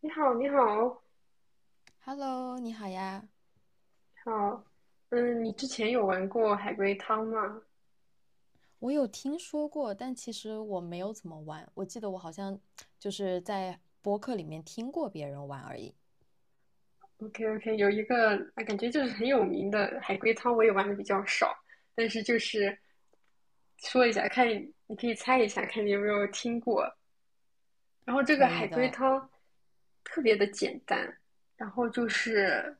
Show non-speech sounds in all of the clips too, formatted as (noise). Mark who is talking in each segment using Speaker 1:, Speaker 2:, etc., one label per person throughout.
Speaker 1: 你好，你好，
Speaker 2: Hello，你好呀。
Speaker 1: 好，你之前有玩过海龟汤吗
Speaker 2: 我有听说过，但其实我没有怎么玩。我记得我好像就是在播客里面听过别人玩而已。
Speaker 1: ？OK，OK，有一个啊，感觉就是很有名的海龟汤，我也玩的比较少，但是就是说一下，看你可以猜一下，看你有没有听过。然后这个
Speaker 2: 可
Speaker 1: 海
Speaker 2: 以
Speaker 1: 龟
Speaker 2: 的，
Speaker 1: 汤特别的简单，然后就是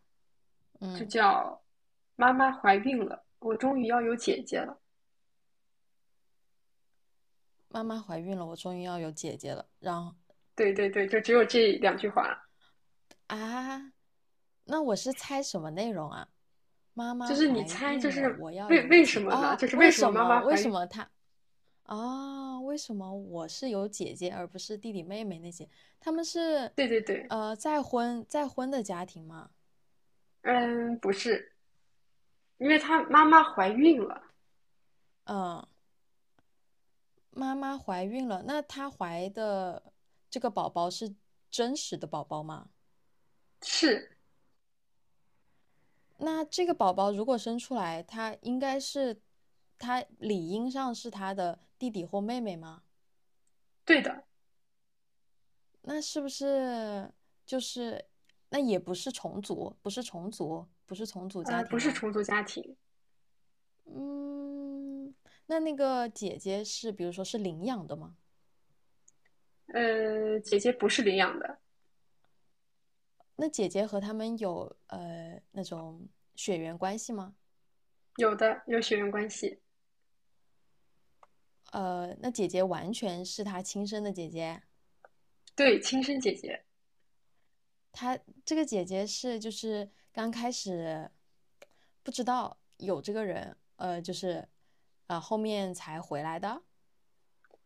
Speaker 1: 就
Speaker 2: 嗯，
Speaker 1: 叫妈妈怀孕了，我终于要有姐姐了。
Speaker 2: 妈妈怀孕了，我终于要有姐姐了。然后
Speaker 1: 对对对，就只有这两句话。
Speaker 2: 啊，那我是猜什么内容啊？妈
Speaker 1: 就
Speaker 2: 妈
Speaker 1: 是你
Speaker 2: 怀
Speaker 1: 猜，
Speaker 2: 孕
Speaker 1: 就
Speaker 2: 了，
Speaker 1: 是
Speaker 2: 我要
Speaker 1: 为
Speaker 2: 有
Speaker 1: 为什
Speaker 2: 姐。
Speaker 1: 么呢？
Speaker 2: 哦，
Speaker 1: 就是为
Speaker 2: 为
Speaker 1: 什么
Speaker 2: 什
Speaker 1: 妈妈
Speaker 2: 么？为
Speaker 1: 怀
Speaker 2: 什
Speaker 1: 孕？
Speaker 2: 么她？啊，为什么我是有姐姐而不是弟弟妹妹那些？他们是
Speaker 1: 对对对，
Speaker 2: 再婚的家庭吗？
Speaker 1: 嗯，不是，因为她妈妈怀孕了，
Speaker 2: 嗯，妈妈怀孕了，那她怀的这个宝宝是真实的宝宝吗？
Speaker 1: 是
Speaker 2: 那这个宝宝如果生出来，他应该是，他理应上是他的弟弟或妹妹吗？
Speaker 1: 对的，
Speaker 2: 那是不是就是，那也不是重组，不是重组家
Speaker 1: 不
Speaker 2: 庭
Speaker 1: 是
Speaker 2: 吗？
Speaker 1: 重组家庭，
Speaker 2: 嗯，那那个姐姐是，比如说是领养的吗？
Speaker 1: 姐姐不是领养的，
Speaker 2: 那姐姐和他们有那种血缘关系吗？
Speaker 1: 有的有血缘关系，
Speaker 2: 那姐姐完全是他亲生的姐姐。
Speaker 1: 对，亲生姐姐，
Speaker 2: 她这个姐姐是就是刚开始不知道有这个人，就是后面才回来的。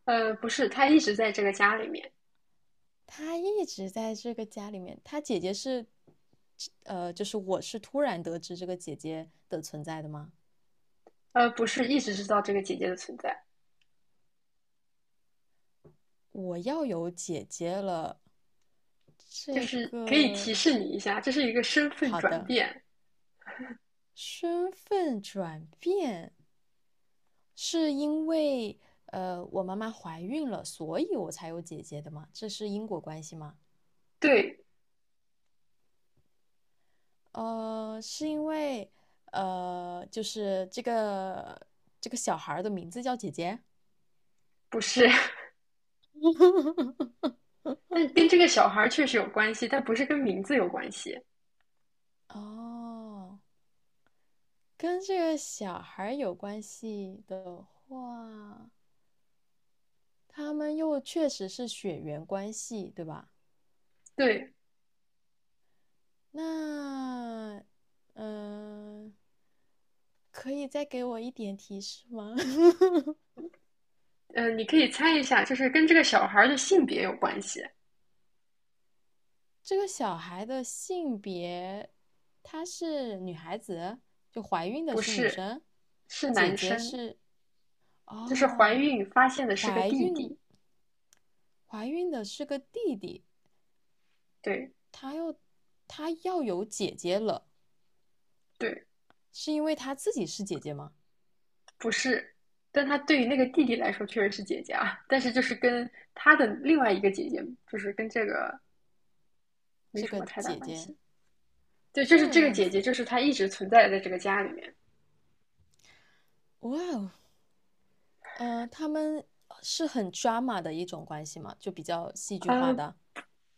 Speaker 1: 不是，她一直在这个家里面，
Speaker 2: 她一直在这个家里面。她姐姐是，就是我是突然得知这个姐姐的存在的吗？
Speaker 1: 不是一直知道这个姐姐的存在，
Speaker 2: 我要有姐姐了，
Speaker 1: 就
Speaker 2: 这
Speaker 1: 是可以提
Speaker 2: 个
Speaker 1: 示你一下，这是一个身份
Speaker 2: 好
Speaker 1: 转
Speaker 2: 的
Speaker 1: 变，
Speaker 2: 身份转变，是因为我妈妈怀孕了，所以我才有姐姐的吗？这是因果关系吗？
Speaker 1: 对，
Speaker 2: 是因为就是这个这个小孩儿的名字叫姐姐
Speaker 1: 不是，(laughs) 但跟这个小孩确实有关系，但不是跟名字有关系，
Speaker 2: 哦，跟这个小孩儿有关系的话，他们又确实是血缘关系，对吧？
Speaker 1: 对。
Speaker 2: 那嗯、呃可以再给我一点提示吗？(laughs)
Speaker 1: 你可以猜一下，就是跟这个小孩儿的性别有关系，
Speaker 2: 这个小孩的性别，她是女孩子，就怀孕的
Speaker 1: 不
Speaker 2: 是女
Speaker 1: 是，
Speaker 2: 生，
Speaker 1: 是
Speaker 2: 姐
Speaker 1: 男
Speaker 2: 姐
Speaker 1: 生，
Speaker 2: 是，
Speaker 1: 就是怀
Speaker 2: 哦，
Speaker 1: 孕发现的是个
Speaker 2: 怀
Speaker 1: 弟
Speaker 2: 孕，
Speaker 1: 弟，
Speaker 2: 怀孕的是个弟弟，
Speaker 1: 对
Speaker 2: 她又，她要有姐姐了，
Speaker 1: 对，
Speaker 2: 是因为她自己是姐姐吗？
Speaker 1: 不是，但他对于那个弟弟来说确实是姐姐啊，但是就是跟他的另外一个姐姐，就是跟这个没
Speaker 2: 这
Speaker 1: 什么
Speaker 2: 个
Speaker 1: 太大
Speaker 2: 姐
Speaker 1: 关
Speaker 2: 姐
Speaker 1: 系。对，就是
Speaker 2: 这
Speaker 1: 这个
Speaker 2: 样
Speaker 1: 姐姐，
Speaker 2: 子，
Speaker 1: 就是她一直存在在这个家里面。
Speaker 2: 哇哦，他们是很 drama 的一种关系嘛，就比较戏剧化
Speaker 1: 呃，
Speaker 2: 的。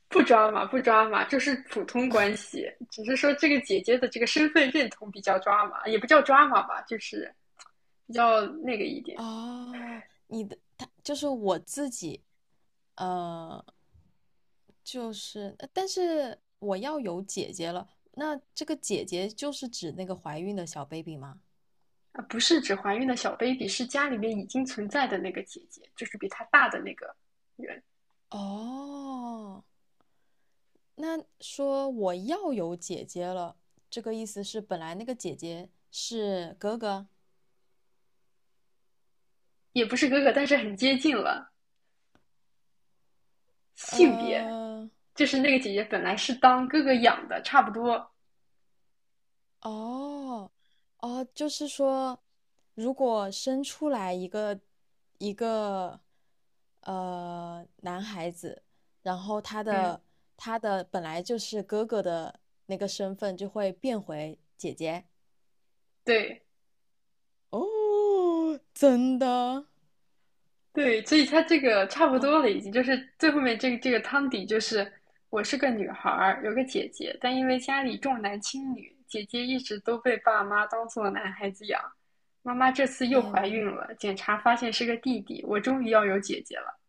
Speaker 1: 不抓马，不抓马，就是普通关系，只是说这个姐姐的这个身份认同比较抓马，也不叫抓马吧，就是比较那个一点
Speaker 2: 哦，你的他就是我自己，呃，就是但是我要有姐姐了，那这个姐姐就是指那个怀孕的小 baby 吗？
Speaker 1: 啊，不是指怀孕的小 baby，是家里面已经存在的那个姐姐，就是比她大的那个人，
Speaker 2: 哦，那说我要有姐姐了，这个意思是本来那个姐姐是哥哥，
Speaker 1: 也不是哥哥，但是很接近了。性别
Speaker 2: 呃，
Speaker 1: 就是那个姐姐本来是当哥哥养的，差不多，
Speaker 2: 哦，哦，就是说，如果生出来一个一个男孩子，然后他
Speaker 1: 嗯，
Speaker 2: 的他的本来就是哥哥的那个身份就会变回姐姐。
Speaker 1: 对，
Speaker 2: 哦，真的？
Speaker 1: 对，所以他这个差不
Speaker 2: 哦，
Speaker 1: 多了，已经就是最后面这个汤底就是我是个女孩儿，有个姐姐，但因为家里重男轻女，姐姐一直都被爸妈当做男孩子养。妈妈这次又
Speaker 2: 天
Speaker 1: 怀
Speaker 2: 呐，
Speaker 1: 孕了，检查发现是个弟弟，我终于要有姐姐了。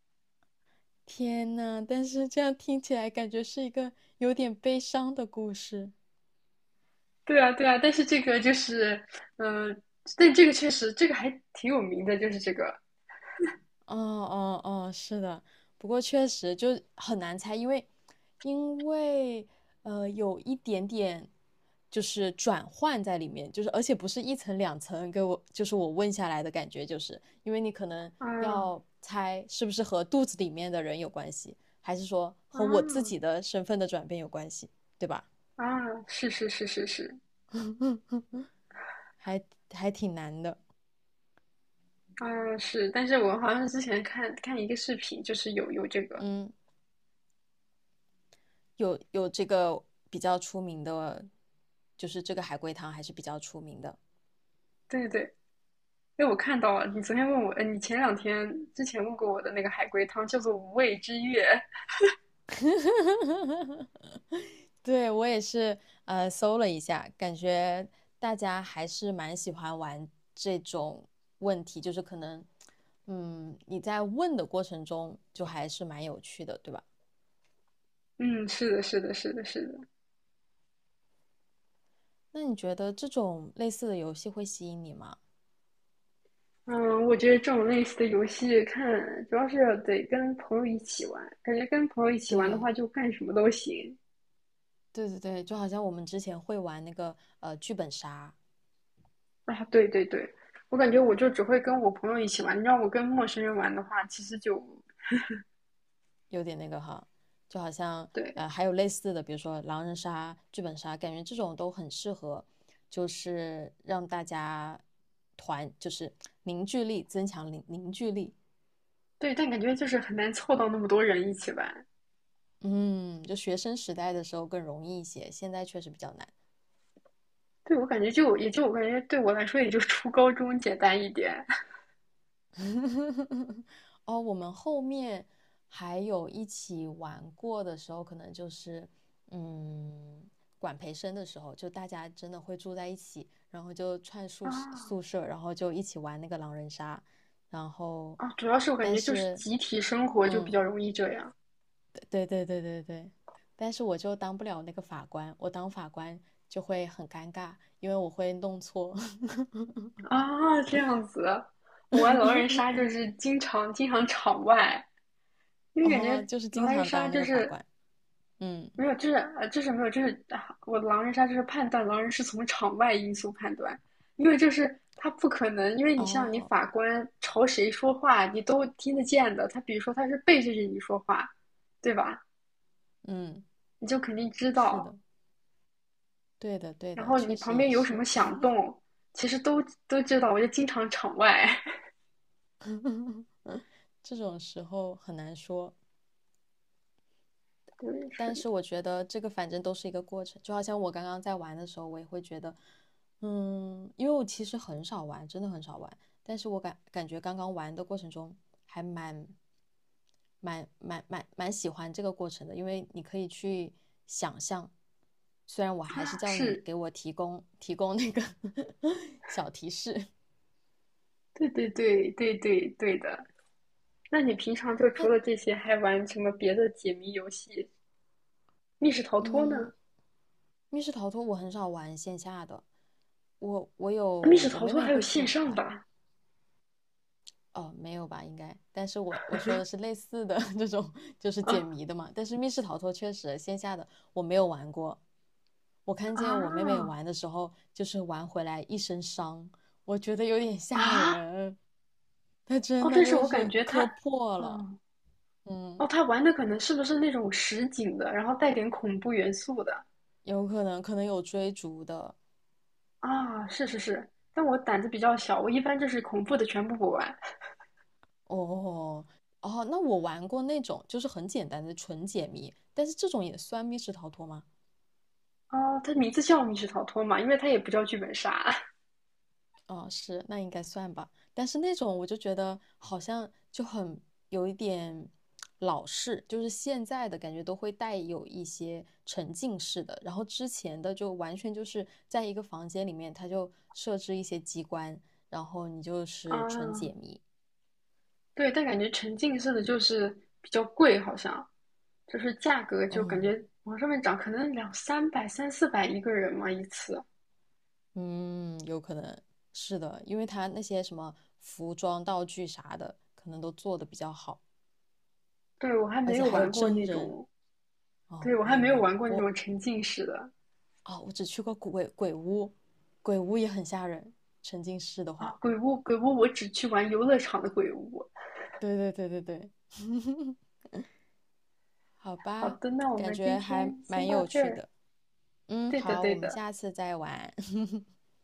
Speaker 2: 天呐，但是这样听起来感觉是一个有点悲伤的故事。
Speaker 1: 对啊，对啊，但是这个就是，嗯、但这个确实这个还挺有名的，就是这个，
Speaker 2: 哦哦哦，是的，不过确实就很难猜，因为因为有一点点就是转换在里面，就是而且不是一层两层给我，就是我问下来的感觉，就是因为你可能
Speaker 1: 嗯
Speaker 2: 要猜是不是和肚子里面的人有关系，还是说和我自
Speaker 1: 嗯
Speaker 2: 己的身份的转变有关系，对吧？
Speaker 1: 啊！是是是是是，
Speaker 2: 还还挺难的，
Speaker 1: 嗯是，但是我好像之前看一个视频，就是有这个。
Speaker 2: 嗯，有这个比较出名的，就是这个海龟汤还是比较出名的。
Speaker 1: 对对，因为我看到了，你昨天问我，你前两天之前问过我的那个海龟汤叫做《无畏之月》。
Speaker 2: (laughs) 对，我也是，搜了一下，感觉大家还是蛮喜欢玩这种问题，就是可能，嗯，你在问的过程中就还是蛮有趣的，对吧？
Speaker 1: 嗯，是的，是的，是的，是的。
Speaker 2: 那你觉得这种类似的游戏会吸引你吗？
Speaker 1: 嗯，我觉得这种类似的游戏看，主要是得跟朋友一起玩，感觉跟朋友一起玩的
Speaker 2: 对，
Speaker 1: 话，就干什么都行。
Speaker 2: 对对对，就好像我们之前会玩那个剧本杀，
Speaker 1: 啊，对对对，我感觉我就只会跟我朋友一起玩，你让我跟陌生人玩的话，其实就
Speaker 2: 有点那个哈，就好像
Speaker 1: 对
Speaker 2: 还有类似的，比如说狼人杀、剧本杀，感觉这种都很适合，就是让大家团，就是凝聚力增强凝聚力。
Speaker 1: 对，但感觉就是很难凑到那么多人一起玩。
Speaker 2: 嗯，就学生时代的时候更容易一些，现在确实比较难。
Speaker 1: 对，我感觉就也就我感觉对我来说也就初高中简单一点。
Speaker 2: (laughs) 哦，我们后面还有一起玩过的时候，可能就是嗯，管培生的时候，就大家真的会住在一起，然后就串
Speaker 1: (laughs)
Speaker 2: 宿舍
Speaker 1: 啊，
Speaker 2: 宿舍，然后就一起玩那个狼人杀，然后
Speaker 1: 啊，主要是我感
Speaker 2: 但
Speaker 1: 觉就是
Speaker 2: 是
Speaker 1: 集体生活就比
Speaker 2: 嗯，
Speaker 1: 较容易这样
Speaker 2: 对对对对对，但是我就当不了那个法官，我当法官就会很尴尬，因为我会弄错，
Speaker 1: 啊，这样子。我玩狼人
Speaker 2: (laughs)
Speaker 1: 杀就是经常场外，因为感
Speaker 2: 哦，
Speaker 1: 觉
Speaker 2: 就是经
Speaker 1: 狼人
Speaker 2: 常
Speaker 1: 杀
Speaker 2: 当那
Speaker 1: 就
Speaker 2: 个法
Speaker 1: 是
Speaker 2: 官，嗯，
Speaker 1: 没有，就是就是没有，就是啊，我狼人杀就是判断狼人是从场外因素判断，因为就是他不可能，因为你像你
Speaker 2: 哦。
Speaker 1: 法官朝谁说话，你都听得见的。他比如说他是背对着你说话，对吧？
Speaker 2: 嗯，
Speaker 1: 你就肯定知
Speaker 2: 是
Speaker 1: 道。
Speaker 2: 的，对的，对
Speaker 1: 然
Speaker 2: 的，
Speaker 1: 后你
Speaker 2: 确实
Speaker 1: 旁边
Speaker 2: 也
Speaker 1: 有什么
Speaker 2: 是，
Speaker 1: 响动，其实都知道，我就经常场外。(laughs)
Speaker 2: (laughs) 这种时候很难说。
Speaker 1: 对，
Speaker 2: 但
Speaker 1: 是
Speaker 2: 是我觉得这个反正都是一个过程，就好像我刚刚在玩的时候，我也会觉得，嗯，因为我其实很少玩，真的很少玩，但是我感觉刚刚玩的过程中还蛮喜欢这个过程的，因为你可以去想象。虽然我还是
Speaker 1: 啊，
Speaker 2: 叫你
Speaker 1: 是，
Speaker 2: 给我提供那个 (laughs) 小提示，
Speaker 1: 对对对对对对的。那你平常就除
Speaker 2: 那
Speaker 1: 了这些，还玩什么别的解谜游戏？密室逃脱
Speaker 2: 嗯，
Speaker 1: 呢？
Speaker 2: 密室逃脱我很少玩线下的，我
Speaker 1: 密
Speaker 2: 有
Speaker 1: 室
Speaker 2: 我
Speaker 1: 逃
Speaker 2: 妹
Speaker 1: 脱
Speaker 2: 妹
Speaker 1: 还有
Speaker 2: 会去
Speaker 1: 线上的
Speaker 2: 玩，
Speaker 1: 啊
Speaker 2: 哦，没有吧，应该，但是我说的是类似的 (laughs) 这种，就是解谜的嘛。但是密室逃脱确实线下的我没有玩过，我看见我妹妹
Speaker 1: 啊
Speaker 2: 玩的时候，就是玩回来一身伤，我觉得有点吓
Speaker 1: 啊！
Speaker 2: 人，她真
Speaker 1: 哦，
Speaker 2: 的
Speaker 1: 但是
Speaker 2: 就
Speaker 1: 我感
Speaker 2: 是
Speaker 1: 觉他，
Speaker 2: 磕破了，
Speaker 1: 哦
Speaker 2: 嗯，
Speaker 1: 哦，他玩的可能是不是那种实景的，然后带点恐怖元素的
Speaker 2: 有可能有追逐的。
Speaker 1: 啊？是是是，但我胆子比较小，我一般就是恐怖的全部不玩，
Speaker 2: 哦哦，那我玩过那种就是很简单的纯解谜，但是这种也算密室逃脱吗？
Speaker 1: 哦，它名字叫密室逃脱嘛，因为它也不叫剧本杀
Speaker 2: 哦，是，那应该算吧。但是那种我就觉得好像就很有一点老式，就是现在的感觉都会带有一些沉浸式的，然后之前的就完全就是在一个房间里面，它就设置一些机关，然后你就
Speaker 1: (laughs)
Speaker 2: 是纯
Speaker 1: 啊。
Speaker 2: 解谜。
Speaker 1: 对，但感觉沉浸式的就是比较贵，好像就是价格就感
Speaker 2: 嗯。
Speaker 1: 觉往上面涨，可能两三百、三四百一个人嘛一次。
Speaker 2: 嗯，有可能是的，因为他那些什么服装、道具啥的，可能都做的比较好，
Speaker 1: 对，我还
Speaker 2: 而
Speaker 1: 没
Speaker 2: 且
Speaker 1: 有
Speaker 2: 还有
Speaker 1: 玩过
Speaker 2: 真
Speaker 1: 那
Speaker 2: 人。
Speaker 1: 种，对，
Speaker 2: 哦，
Speaker 1: 我
Speaker 2: 我
Speaker 1: 还
Speaker 2: 也
Speaker 1: 没有
Speaker 2: 没有，
Speaker 1: 玩过那种沉浸式的
Speaker 2: 哦，我只去过鬼屋，鬼屋也很吓人，沉浸式的
Speaker 1: 啊。
Speaker 2: 话。
Speaker 1: 鬼屋，鬼屋，我只去玩游乐场的鬼屋。
Speaker 2: 对对对对对，好
Speaker 1: 好
Speaker 2: 吧，
Speaker 1: 的，那我
Speaker 2: 感
Speaker 1: 们今
Speaker 2: 觉还
Speaker 1: 天先
Speaker 2: 蛮
Speaker 1: 到
Speaker 2: 有
Speaker 1: 这
Speaker 2: 趣
Speaker 1: 儿。
Speaker 2: 的。嗯，
Speaker 1: 对的，
Speaker 2: 好，我
Speaker 1: 对
Speaker 2: 们
Speaker 1: 的，
Speaker 2: 下次再玩，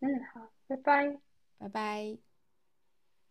Speaker 1: 嗯，好，拜拜。
Speaker 2: (laughs) 拜拜。